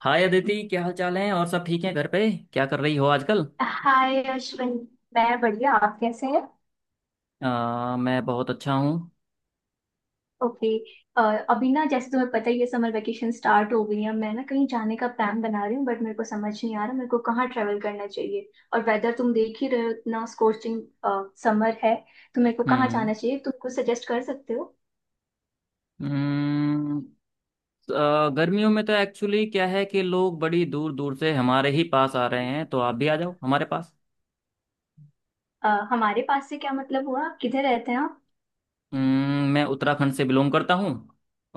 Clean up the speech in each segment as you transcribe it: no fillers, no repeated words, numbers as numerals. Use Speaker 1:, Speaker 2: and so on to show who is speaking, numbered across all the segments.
Speaker 1: हाय अदिति, क्या हाल चाल है? और सब ठीक है? घर पे क्या कर रही हो आजकल?
Speaker 2: हाय अश्विन। मैं बढ़िया, आप कैसे हैं?
Speaker 1: मैं बहुत अच्छा हूँ।
Speaker 2: ओके। अ, अभी ना जैसे तुम्हें पता ही है, समर वेकेशन स्टार्ट हो गई है। मैं ना कहीं जाने का प्लान बना रही हूँ बट मेरे को समझ नहीं आ रहा, मेरे को कहाँ ट्रैवल करना चाहिए। और वेदर तुम देख ही रहे हो, इतना स्corching समर है। तो मेरे को कहाँ जाना
Speaker 1: हम्म
Speaker 2: चाहिए, तुम कुछ सजेस्ट कर सकते हो?
Speaker 1: हम्म, गर्मियों में तो एक्चुअली क्या है कि लोग बड़ी दूर दूर से हमारे ही पास आ रहे हैं, तो आप भी आ जाओ हमारे पास।
Speaker 2: हमारे पास से क्या मतलब हुआ, आप किधर रहते हैं आप?
Speaker 1: मैं उत्तराखंड से बिलोंग करता हूँ।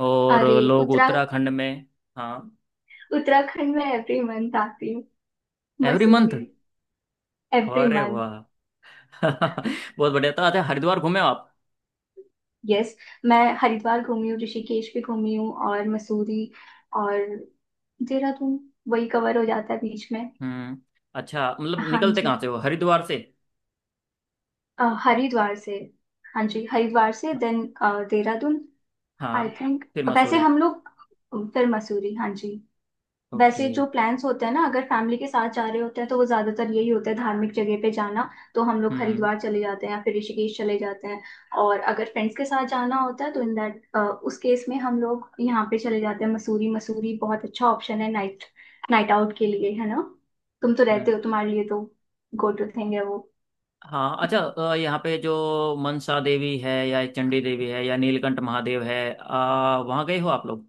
Speaker 1: और
Speaker 2: अरे
Speaker 1: लोग उत्तराखंड में। हाँ,
Speaker 2: उत्तराखंड में एवरी मंथ आती हूँ।
Speaker 1: Every month?
Speaker 2: मसूरी। एवरी
Speaker 1: अरे
Speaker 2: मंथ।
Speaker 1: वाह। बहुत बढ़िया। तो अच्छा, हरिद्वार घूमे हो आप?
Speaker 2: यस, मैं हरिद्वार घूमी हूँ, ऋषिकेश भी घूमी हूँ, और मसूरी और देहरादून। वही कवर हो जाता है बीच में।
Speaker 1: हम्म। अच्छा, मतलब
Speaker 2: हाँ
Speaker 1: निकलते
Speaker 2: जी।
Speaker 1: कहाँ से हो? हरिद्वार से?
Speaker 2: हरिद्वार से। हाँ जी, हरिद्वार से देन देहरादून।
Speaker 1: हाँ,
Speaker 2: आई थिंक
Speaker 1: फिर
Speaker 2: वैसे
Speaker 1: मसूरी।
Speaker 2: हम लोग, फिर मसूरी, हाँ जी।
Speaker 1: ओके।
Speaker 2: वैसे जो प्लान्स होते हैं ना, अगर फैमिली के साथ जा रहे होते हैं तो वो ज्यादातर यही होता है, धार्मिक जगह पे जाना। तो हम लोग
Speaker 1: हम्म
Speaker 2: हरिद्वार चले जाते हैं या फिर ऋषिकेश चले जाते हैं। और अगर फ्रेंड्स के साथ जाना होता है तो इन दैट उस केस में हम लोग यहाँ पे चले जाते हैं, मसूरी। मसूरी बहुत अच्छा ऑप्शन है नाइट नाइट आउट के लिए, है ना। तुम तो रहते
Speaker 1: हम्म।
Speaker 2: हो, तुम्हारे लिए तो गो टू थिंग है वो।
Speaker 1: हाँ अच्छा, यहाँ पे जो मनसा देवी है या चंडी देवी है या नीलकंठ महादेव है, वहाँ गए हो आप लोग?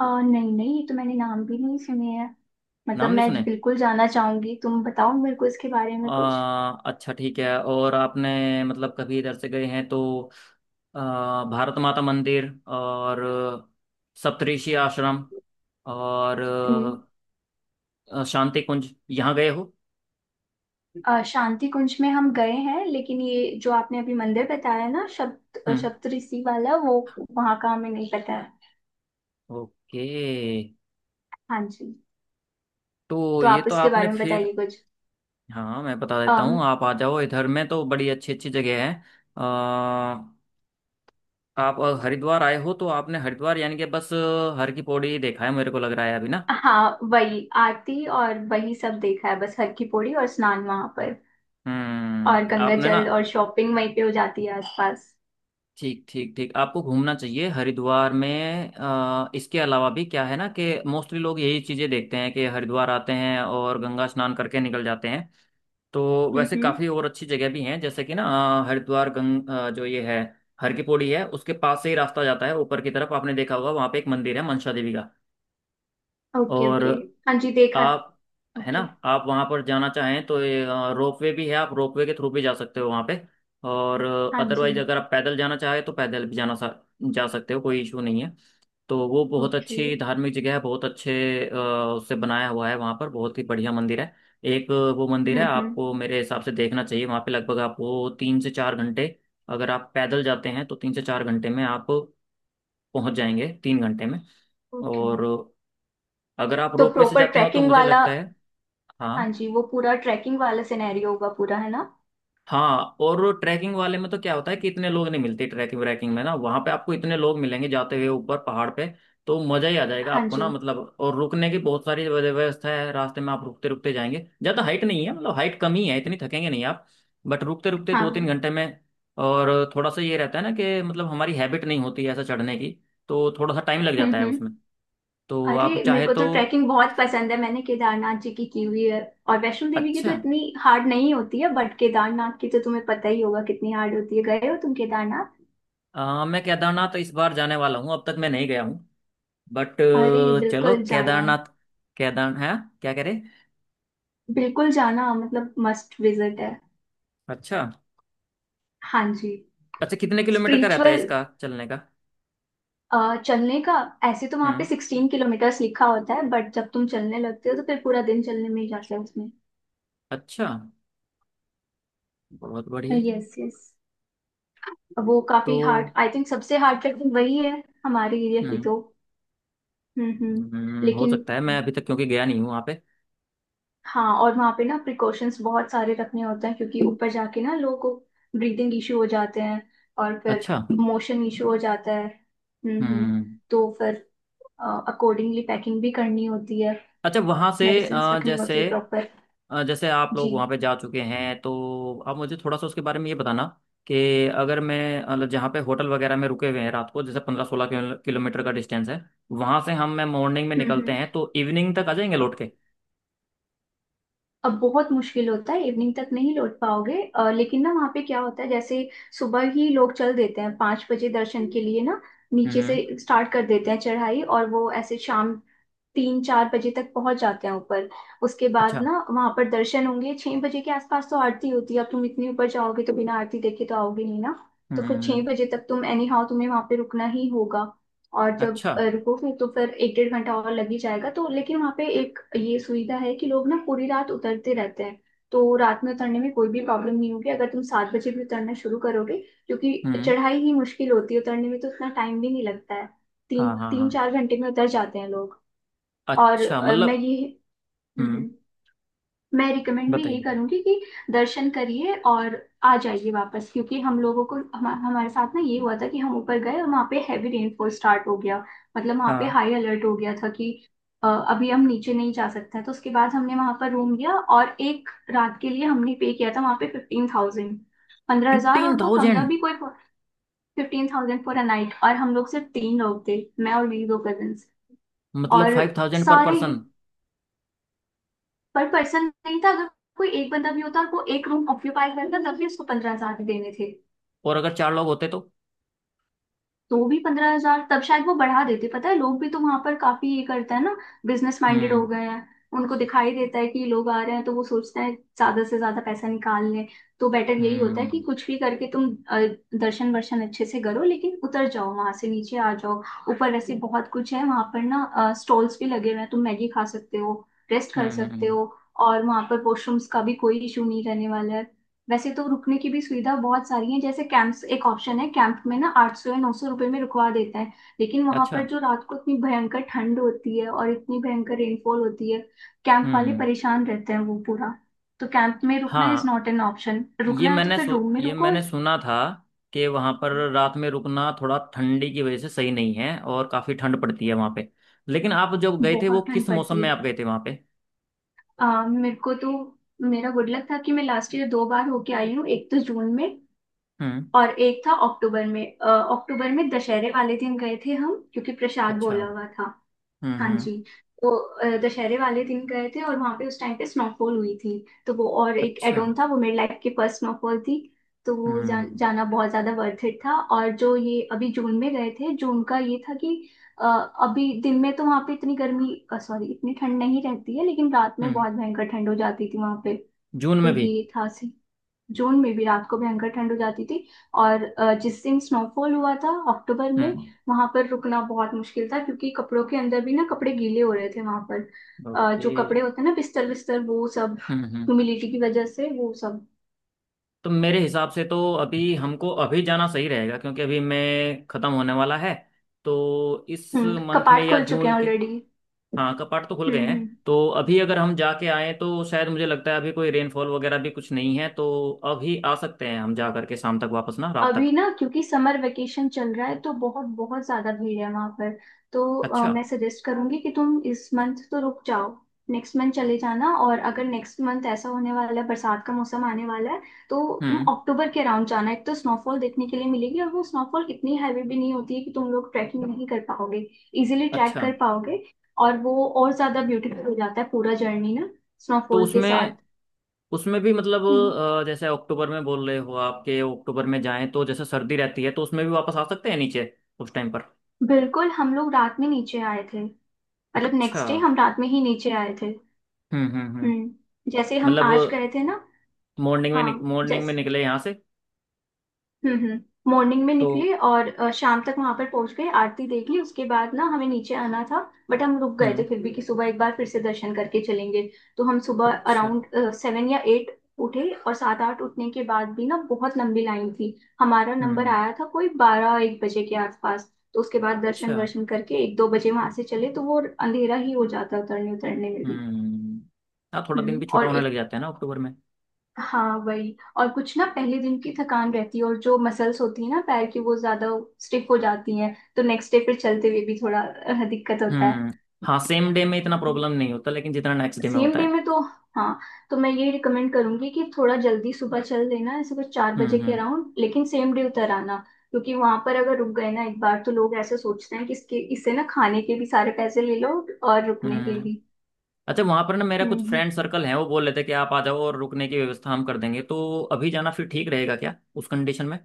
Speaker 2: नहीं नहीं, ये तो मैंने नाम भी नहीं सुने हैं। मतलब
Speaker 1: नाम नहीं
Speaker 2: मैं
Speaker 1: सुने?
Speaker 2: बिल्कुल जाना चाहूंगी, तुम बताओ मेरे को इसके बारे में कुछ।
Speaker 1: अच्छा ठीक है। और आपने मतलब कभी इधर से गए हैं तो अ, भारत माता मंदिर, और सप्तऋषि आश्रम, और
Speaker 2: हम्म।
Speaker 1: शांति कुंज, यहाँ गए हो?
Speaker 2: शांति कुंज में हम गए हैं, लेकिन ये जो आपने अभी मंदिर बताया ना, शब्द
Speaker 1: हम्म।
Speaker 2: शब्द ऋषि वाला वो, वहां का हमें नहीं पता है।
Speaker 1: ओके।
Speaker 2: हाँ जी।
Speaker 1: तो
Speaker 2: तो
Speaker 1: ये
Speaker 2: आप
Speaker 1: तो
Speaker 2: उसके
Speaker 1: आपने
Speaker 2: बारे में
Speaker 1: फिर,
Speaker 2: बताइए कुछ।
Speaker 1: हाँ मैं बता देता
Speaker 2: अम।
Speaker 1: हूँ। आप आ जाओ, इधर में तो बड़ी अच्छी अच्छी जगह है। अ, आप हरिद्वार आए हो तो आपने हरिद्वार यानी कि बस हर की पौड़ी ही देखा है, मेरे को लग रहा है अभी ना।
Speaker 2: हाँ वही आरती और वही सब देखा है, बस हर की पौड़ी और स्नान वहां पर, और
Speaker 1: हम्म,
Speaker 2: गंगा
Speaker 1: आपने ना
Speaker 2: जल और शॉपिंग वहीं पे हो जाती है आसपास।
Speaker 1: ठीक ठीक ठीक, आपको घूमना चाहिए हरिद्वार में। इसके अलावा भी क्या है ना, कि मोस्टली लोग यही चीज़ें देखते हैं कि हरिद्वार आते हैं और गंगा स्नान करके निकल जाते हैं। तो वैसे
Speaker 2: हम्म।
Speaker 1: काफ़ी और अच्छी जगह भी हैं, जैसे कि ना हरिद्वार जो ये है हर की पौड़ी है, उसके पास से ही रास्ता जाता है ऊपर की तरफ। आपने देखा होगा, वहाँ पे एक मंदिर है मनसा देवी का।
Speaker 2: ओके
Speaker 1: और
Speaker 2: ओके। हाँ जी देखा है।
Speaker 1: आप, है ना,
Speaker 2: ओके।
Speaker 1: आप वहाँ पर जाना चाहें तो ये रोपवे भी है। आप रोपवे के थ्रू भी जा सकते हो वहाँ पे। और
Speaker 2: हाँ जी।
Speaker 1: अदरवाइज अगर आप पैदल जाना चाहें तो पैदल भी जा सकते हो, कोई इशू नहीं है। तो वो बहुत
Speaker 2: ओके।
Speaker 1: अच्छी धार्मिक जगह है, बहुत अच्छे अ, उससे बनाया हुआ है। वहाँ पर बहुत ही बढ़िया मंदिर है एक, वो मंदिर है
Speaker 2: हम्म।
Speaker 1: आपको मेरे हिसाब से देखना चाहिए। वहाँ पे लगभग आपको 3 से 4 घंटे, अगर आप पैदल जाते हैं तो 3 से 4 घंटे में आप पहुँच जाएंगे, 3 घंटे में।
Speaker 2: ओके।
Speaker 1: और अगर आप
Speaker 2: तो
Speaker 1: रोपवे से
Speaker 2: प्रॉपर
Speaker 1: जाते हो तो
Speaker 2: ट्रैकिंग
Speaker 1: मुझे
Speaker 2: वाला?
Speaker 1: लगता है
Speaker 2: हाँ
Speaker 1: हाँ।
Speaker 2: जी, वो पूरा ट्रैकिंग वाला सिनेरियो होगा पूरा, है ना।
Speaker 1: हाँ, और ट्रैकिंग वाले में तो क्या होता है कि इतने लोग नहीं मिलते ट्रैकिंग व्रैकिंग में, ना वहां पे आपको इतने लोग मिलेंगे जाते हुए ऊपर पहाड़ पे, तो मजा ही आ जाएगा
Speaker 2: हाँ
Speaker 1: आपको ना।
Speaker 2: जी।
Speaker 1: मतलब, और रुकने की बहुत सारी व्यवस्था है, रास्ते में आप रुकते रुकते जाएंगे। ज्यादा हाइट नहीं है, मतलब हाइट कम ही है, इतनी थकेंगे नहीं आप। बट रुकते रुकते दो तीन
Speaker 2: हाँ।
Speaker 1: घंटे में। और थोड़ा सा ये रहता है ना कि मतलब हमारी हैबिट नहीं होती है ऐसा चढ़ने की, तो थोड़ा सा टाइम लग जाता है
Speaker 2: हम्म।
Speaker 1: उसमें। तो आप
Speaker 2: अरे मेरे
Speaker 1: चाहे
Speaker 2: को तो
Speaker 1: तो,
Speaker 2: ट्रैकिंग बहुत पसंद है, मैंने केदारनाथ जी की हुई है। और वैष्णो देवी की तो
Speaker 1: अच्छा,
Speaker 2: इतनी हार्ड नहीं होती है, बट केदारनाथ की तो तुम्हें पता ही होगा कितनी हार्ड होती है। गए हो तुम केदारनाथ?
Speaker 1: मैं केदारनाथ इस बार जाने वाला हूँ, अब तक मैं नहीं गया हूँ। बट
Speaker 2: अरे
Speaker 1: चलो
Speaker 2: बिल्कुल जाना,
Speaker 1: केदारनाथ, केदार है, क्या करे।
Speaker 2: बिल्कुल जाना, मतलब मस्ट विजिट है।
Speaker 1: अच्छा,
Speaker 2: हाँ जी।
Speaker 1: अच्छा कितने किलोमीटर का रहता है
Speaker 2: स्पिरिचुअल।
Speaker 1: इसका चलने का?
Speaker 2: चलने का। ऐसे तो वहां पे
Speaker 1: हम्म।
Speaker 2: 16 किलोमीटर्स लिखा होता है, बट जब तुम चलने लगते हो तो फिर पूरा दिन चलने में ही जाता है उसमें।
Speaker 1: अच्छा, बहुत बढ़िया।
Speaker 2: Yes yes. वो काफी हार्ड,
Speaker 1: तो
Speaker 2: आई थिंक सबसे हार्ड ट्रैकिंग वही है हमारे एरिया की
Speaker 1: हम्म
Speaker 2: तो। हम्म।
Speaker 1: हो
Speaker 2: लेकिन
Speaker 1: सकता है। मैं अभी तक क्योंकि गया नहीं हूँ वहाँ पे।
Speaker 2: हाँ, और वहाँ पे ना प्रिकॉशंस बहुत सारे रखने होते हैं क्योंकि ऊपर जाके ना लोगों को ब्रीदिंग इशू हो जाते हैं, और फिर
Speaker 1: अच्छा।
Speaker 2: मोशन इशू हो जाता है। हम्म।
Speaker 1: हम्म।
Speaker 2: तो फिर अकॉर्डिंगली पैकिंग भी करनी होती है,
Speaker 1: अच्छा, वहां से
Speaker 2: मेडिसिन्स रखनी
Speaker 1: जैसे
Speaker 2: होती है प्रॉपर।
Speaker 1: जैसे आप
Speaker 2: जी।
Speaker 1: लोग वहाँ पे जा चुके हैं तो आप मुझे थोड़ा सा उसके बारे में ये बताना कि अगर मैं मतलब जहाँ पे होटल वगैरह में रुके हुए हैं रात को, जैसे 15 16 किलोमीटर का डिस्टेंस है, वहाँ से हम मैं मॉर्निंग में
Speaker 2: हम्म
Speaker 1: निकलते हैं
Speaker 2: हम्म।
Speaker 1: तो इवनिंग तक आ जाएंगे लौट के?
Speaker 2: अब बहुत मुश्किल होता है, इवनिंग तक नहीं लौट पाओगे। लेकिन ना वहाँ पे क्या होता है जैसे, सुबह ही लोग चल देते हैं 5 बजे दर्शन के लिए ना। नीचे से
Speaker 1: हम्म।
Speaker 2: स्टार्ट कर देते हैं चढ़ाई और वो ऐसे शाम 3-4 बजे तक पहुंच जाते हैं ऊपर। उसके बाद
Speaker 1: अच्छा।
Speaker 2: ना वहां पर दर्शन होंगे 6 बजे के आसपास, तो आरती होती है। अब तुम इतने ऊपर जाओगे तो बिना आरती देखे तो आओगे नहीं ना, तो फिर छह
Speaker 1: हम्म।
Speaker 2: बजे तक तुम, एनी हाउ तुम्हें वहां पे रुकना ही होगा। और जब
Speaker 1: अच्छा।
Speaker 2: रुकोगे तो फिर एक डेढ़ घंटा और लग ही जाएगा तो। लेकिन वहाँ पे एक ये सुविधा है कि लोग ना पूरी रात उतरते रहते हैं, तो रात में उतरने में कोई भी प्रॉब्लम नहीं होगी अगर तुम 7 बजे भी उतरना शुरू करोगे। क्योंकि
Speaker 1: हम्म।
Speaker 2: चढ़ाई ही मुश्किल होती है, उतरने में तो उतना टाइम भी नहीं लगता है। तीन
Speaker 1: हाँ हाँ
Speaker 2: तीन
Speaker 1: हाँ।
Speaker 2: चार घंटे में उतर जाते हैं लोग। और
Speaker 1: अच्छा मतलब,
Speaker 2: हम्म,
Speaker 1: हम्म,
Speaker 2: हम्म। मैं रिकमेंड भी
Speaker 1: बताइए
Speaker 2: यही
Speaker 1: बताइए।
Speaker 2: करूंगी कि दर्शन करिए और आ जाइए वापस, क्योंकि हम लोगों को हमारे साथ ना ये हुआ था कि हम ऊपर गए और वहाँ पे हैवी रेनफॉल स्टार्ट हो गया। मतलब वहाँ पे
Speaker 1: हाँ,
Speaker 2: हाई अलर्ट हो गया था कि अभी हम नीचे नहीं जा सकते हैं। तो उसके बाद हमने वहाँ पर रूम लिया, और एक रात के लिए हमने पे किया था वहाँ पे 15,000, 15,000,
Speaker 1: फिफ्टीन
Speaker 2: और वो कमरा
Speaker 1: थाउजेंड
Speaker 2: भी कोई, 15,000 फॉर अ नाइट, और हम लोग सिर्फ तीन लोग थे, मैं और मेरी दो कजन्स।
Speaker 1: मतलब
Speaker 2: और
Speaker 1: 5,000 पर
Speaker 2: सारे,
Speaker 1: पर्सन।
Speaker 2: पर पर्सन नहीं था। अगर कोई एक बंदा भी होता और वो एक रूम ऑक्यूपाई करता तब भी उसको 15,000 देने थे।
Speaker 1: और अगर 4 लोग होते तो?
Speaker 2: तो भी 15,000, तब शायद वो बढ़ा देते। पता है, लोग भी तो वहां पर काफी ये करते हैं ना, बिजनेस माइंडेड हो
Speaker 1: हम्म
Speaker 2: गए हैं। उनको दिखाई देता है कि लोग आ रहे हैं तो वो सोचते हैं ज्यादा से ज्यादा पैसा निकाल लें। तो बेटर यही होता है
Speaker 1: हम्म
Speaker 2: कि कुछ भी करके तुम दर्शन वर्शन अच्छे से करो, लेकिन उतर जाओ, वहां से नीचे आ जाओ। ऊपर वैसे बहुत कुछ है वहां पर ना, स्टॉल्स भी लगे हुए हैं, तुम मैगी खा सकते हो, रेस्ट कर
Speaker 1: हम्म हम्म,
Speaker 2: सकते
Speaker 1: हम्म,
Speaker 2: हो, और वहां पर वॉशरूम्स का भी कोई इशू नहीं रहने वाला है। वैसे तो रुकने की भी सुविधा बहुत सारी है, जैसे कैंप्स एक ऑप्शन है। कैंप में ना 800 या 900 रुपये में रुकवा देता है, लेकिन वहां
Speaker 1: अच्छा।
Speaker 2: पर जो रात को इतनी भयंकर ठंड होती है और इतनी भयंकर रेनफॉल होती है, कैंप वाले
Speaker 1: हम्म।
Speaker 2: परेशान रहते हैं वो पूरा। तो कैंप में रुकना इज
Speaker 1: हाँ
Speaker 2: नॉट एन ऑप्शन,
Speaker 1: ये
Speaker 2: रुकना है तो फिर रूम में
Speaker 1: ये
Speaker 2: रुको।
Speaker 1: मैंने सुना था कि वहां पर रात में रुकना थोड़ा ठंडी की वजह से सही नहीं है, और काफी ठंड पड़ती है वहां पे। लेकिन आप जब गए थे
Speaker 2: बहुत
Speaker 1: वो किस
Speaker 2: ठंड
Speaker 1: मौसम
Speaker 2: पड़ती
Speaker 1: में
Speaker 2: है।
Speaker 1: आप गए थे वहां पे?
Speaker 2: आ, मेरे को तो मेरा गुड लक था कि मैं लास्ट ईयर दो बार होके आई हूँ, एक तो जून में
Speaker 1: हम्म।
Speaker 2: और एक था अक्टूबर में। अक्टूबर में दशहरे वाले दिन गए थे हम क्योंकि प्रसाद
Speaker 1: अच्छा।
Speaker 2: बोला हुआ था। हाँ
Speaker 1: हम्म।
Speaker 2: जी। तो दशहरे वाले दिन गए थे और वहां पे उस टाइम पे स्नोफॉल हुई थी। तो वो और एक
Speaker 1: अच्छा।
Speaker 2: एडोन था, वो मेरी लाइफ की फर्स्ट स्नोफॉल थी। तो
Speaker 1: हम्म
Speaker 2: जाना बहुत ज्यादा वर्थ इट था। और जो ये अभी जून में गए थे, जून का ये था कि अ, अभी दिन में तो वहां पे इतनी गर्मी, सॉरी इतनी ठंड नहीं रहती है, लेकिन रात में
Speaker 1: हम्म,
Speaker 2: बहुत भयंकर ठंड हो जाती थी वहां पे।
Speaker 1: जून
Speaker 2: तो
Speaker 1: में भी?
Speaker 2: ये था, जून में भी रात को भयंकर ठंड हो जाती थी। और जिस दिन स्नोफॉल हुआ था अक्टूबर में,
Speaker 1: हम्म।
Speaker 2: वहां पर रुकना बहुत मुश्किल था क्योंकि कपड़ों के अंदर भी ना कपड़े गीले हो रहे थे वहां पर।
Speaker 1: ओके।
Speaker 2: जो कपड़े होते हैं ना, बिस्तर बिस्तर वो सब
Speaker 1: हम्म।
Speaker 2: ह्यूमिडिटी की वजह से वो सब,
Speaker 1: तो मेरे हिसाब से तो अभी हमको अभी जाना सही रहेगा, क्योंकि अभी मैं खत्म होने वाला है तो इस मंथ में
Speaker 2: कपाट
Speaker 1: या
Speaker 2: खुल चुके
Speaker 1: जून
Speaker 2: हैं
Speaker 1: के।
Speaker 2: ऑलरेडी।
Speaker 1: हाँ कपाट तो खुल गए हैं।
Speaker 2: हम्म।
Speaker 1: तो अभी अगर हम जाके आए तो शायद मुझे लगता है अभी कोई रेनफॉल वगैरह भी कुछ नहीं है, तो अभी आ सकते हैं हम जा करके शाम तक वापस, ना रात
Speaker 2: अभी
Speaker 1: तक।
Speaker 2: ना क्योंकि समर वेकेशन चल रहा है तो बहुत बहुत ज्यादा भीड़ है वहां पर। तो
Speaker 1: अच्छा।
Speaker 2: मैं सजेस्ट करूंगी कि तुम इस मंथ तो रुक जाओ, नेक्स्ट मंथ चले जाना। और अगर नेक्स्ट मंथ ऐसा होने वाला है, बरसात का मौसम आने वाला है तो तुम
Speaker 1: हम्म।
Speaker 2: अक्टूबर के अराउंड जाना, एक तो स्नोफॉल देखने के लिए मिलेगी और वो स्नोफॉल इतनी हैवी भी नहीं होती है कि तुम लोग ट्रैकिंग नहीं कर पाओगे, इजिली ट्रैक
Speaker 1: अच्छा।
Speaker 2: कर पाओगे। और वो और ज्यादा ब्यूटीफुल हो जाता है पूरा जर्नी ना,
Speaker 1: तो
Speaker 2: स्नोफॉल के साथ।
Speaker 1: उसमें, उसमें भी मतलब,
Speaker 2: हम्म,
Speaker 1: जैसे अक्टूबर में बोल रहे हो आपके, अक्टूबर में जाएं तो जैसे सर्दी रहती है तो उसमें भी वापस आ सकते हैं नीचे उस टाइम पर।
Speaker 2: बिल्कुल, हम लोग रात में नीचे आए थे। मतलब
Speaker 1: अच्छा।
Speaker 2: नेक्स्ट डे हम रात में ही नीचे आए थे।
Speaker 1: हम्म हम्म हम्म
Speaker 2: हम्म, जैसे हम आज
Speaker 1: मतलब
Speaker 2: गए थे ना।
Speaker 1: मॉर्निंग
Speaker 2: हाँ,
Speaker 1: में, मॉर्निंग में
Speaker 2: जैसे,
Speaker 1: निकले यहाँ से
Speaker 2: मॉर्निंग में
Speaker 1: तो?
Speaker 2: निकले और शाम तक वहां पर पहुंच गए, आरती देख ली, उसके बाद ना हमें नीचे आना था। बट हम रुक गए थे
Speaker 1: हम्म।
Speaker 2: फिर भी कि सुबह एक बार फिर से दर्शन करके चलेंगे। तो हम सुबह
Speaker 1: अच्छा।
Speaker 2: अराउंड सेवन या एट उठे, और सात आठ उठने के बाद भी ना बहुत लंबी लाइन थी। हमारा नंबर
Speaker 1: हम्म।
Speaker 2: आया था कोई बारह एक बजे के आसपास, तो उसके बाद दर्शन
Speaker 1: अच्छा।
Speaker 2: वर्शन करके एक दो बजे वहां से चले, तो वो अंधेरा ही हो जाता उतरने उतरने में भी।
Speaker 1: हम्म। हाँ थोड़ा दिन भी छोटा
Speaker 2: और
Speaker 1: होने लग
Speaker 2: एक,
Speaker 1: जाता है ना अक्टूबर में।
Speaker 2: हाँ वही, और कुछ ना पहले दिन की थकान रहती है, और जो मसल्स होती है ना पैर की वो ज्यादा स्टिफ हो जाती हैं, तो नेक्स्ट डे फिर चलते हुए भी थोड़ा दिक्कत होता है।
Speaker 1: हम्म। हाँ सेम डे में इतना प्रॉब्लम नहीं होता, लेकिन जितना नेक्स्ट डे में
Speaker 2: सेम
Speaker 1: होता
Speaker 2: डे
Speaker 1: है।
Speaker 2: में तो हाँ। तो मैं ये रिकमेंड करूंगी कि थोड़ा जल्दी सुबह चल देना, ऐसे कुछ 4 बजे
Speaker 1: हम्म
Speaker 2: के
Speaker 1: हम्म
Speaker 2: अराउंड, लेकिन सेम डे उतर आना। क्योंकि वहां पर अगर रुक गए ना एक बार तो लोग ऐसे सोचते हैं कि इसके इससे ना खाने के भी सारे पैसे ले लो और रुकने के
Speaker 1: हम्म
Speaker 2: भी।
Speaker 1: अच्छा, वहां पर ना मेरा
Speaker 2: हम्म
Speaker 1: कुछ
Speaker 2: हम्म।
Speaker 1: फ्रेंड सर्कल है, वो बोल रहे थे कि आप आ जाओ और रुकने की व्यवस्था हम कर देंगे। तो अभी जाना फिर ठीक रहेगा क्या उस कंडीशन में?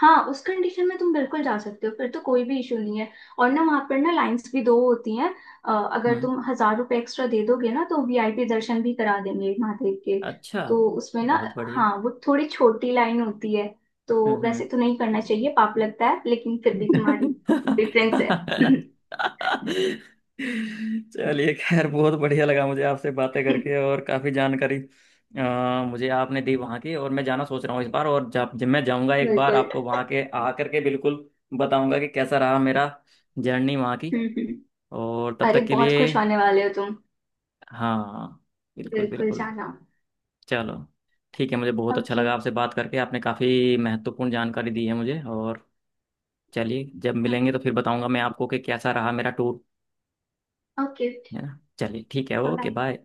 Speaker 2: हाँ उस कंडीशन में तुम बिल्कुल जा सकते हो, फिर तो कोई भी इशू नहीं है। और ना वहाँ पर ना लाइंस भी दो होती हैं। अगर
Speaker 1: हम्म।
Speaker 2: तुम 1,000 रुपये एक्स्ट्रा दे दोगे ना तो वीआईपी दर्शन भी करा देंगे महादेव के।
Speaker 1: अच्छा,
Speaker 2: तो उसमें ना,
Speaker 1: बहुत बढ़िया।
Speaker 2: हाँ, वो थोड़ी छोटी लाइन होती है। तो
Speaker 1: हम्म
Speaker 2: वैसे
Speaker 1: हम्म।
Speaker 2: तो नहीं करना चाहिए, पाप लगता है, लेकिन फिर भी तुम्हारी प्रेफरेंस है।
Speaker 1: चलिए खैर, बहुत बढ़िया लगा मुझे आपसे बातें करके, और काफ़ी जानकारी मुझे आपने दी वहाँ की। और मैं जाना सोच रहा हूँ इस बार, और जब जब मैं जाऊँगा एक बार
Speaker 2: बिल्कुल।
Speaker 1: आपको वहाँ के आकर के बिल्कुल बताऊँगा कि कैसा रहा मेरा जर्नी वहाँ की।
Speaker 2: हम्म हम्म।
Speaker 1: और तब
Speaker 2: अरे
Speaker 1: तक के
Speaker 2: बहुत
Speaker 1: लिए,
Speaker 2: खुश होने वाले हो तुम।
Speaker 1: हाँ, बिल्कुल
Speaker 2: बिल्कुल
Speaker 1: बिल्कुल,
Speaker 2: जाना।
Speaker 1: चलो। ठीक है, मुझे बहुत अच्छा
Speaker 2: ओके।
Speaker 1: लगा आपसे बात करके। आपने काफ़ी महत्वपूर्ण जानकारी दी है मुझे। और चलिए जब मिलेंगे तो फिर बताऊँगा मैं आपको कि कैसा रहा मेरा टूर,
Speaker 2: ओके
Speaker 1: है ना? चलिए ठीक है, ओके
Speaker 2: बाय।
Speaker 1: बाय।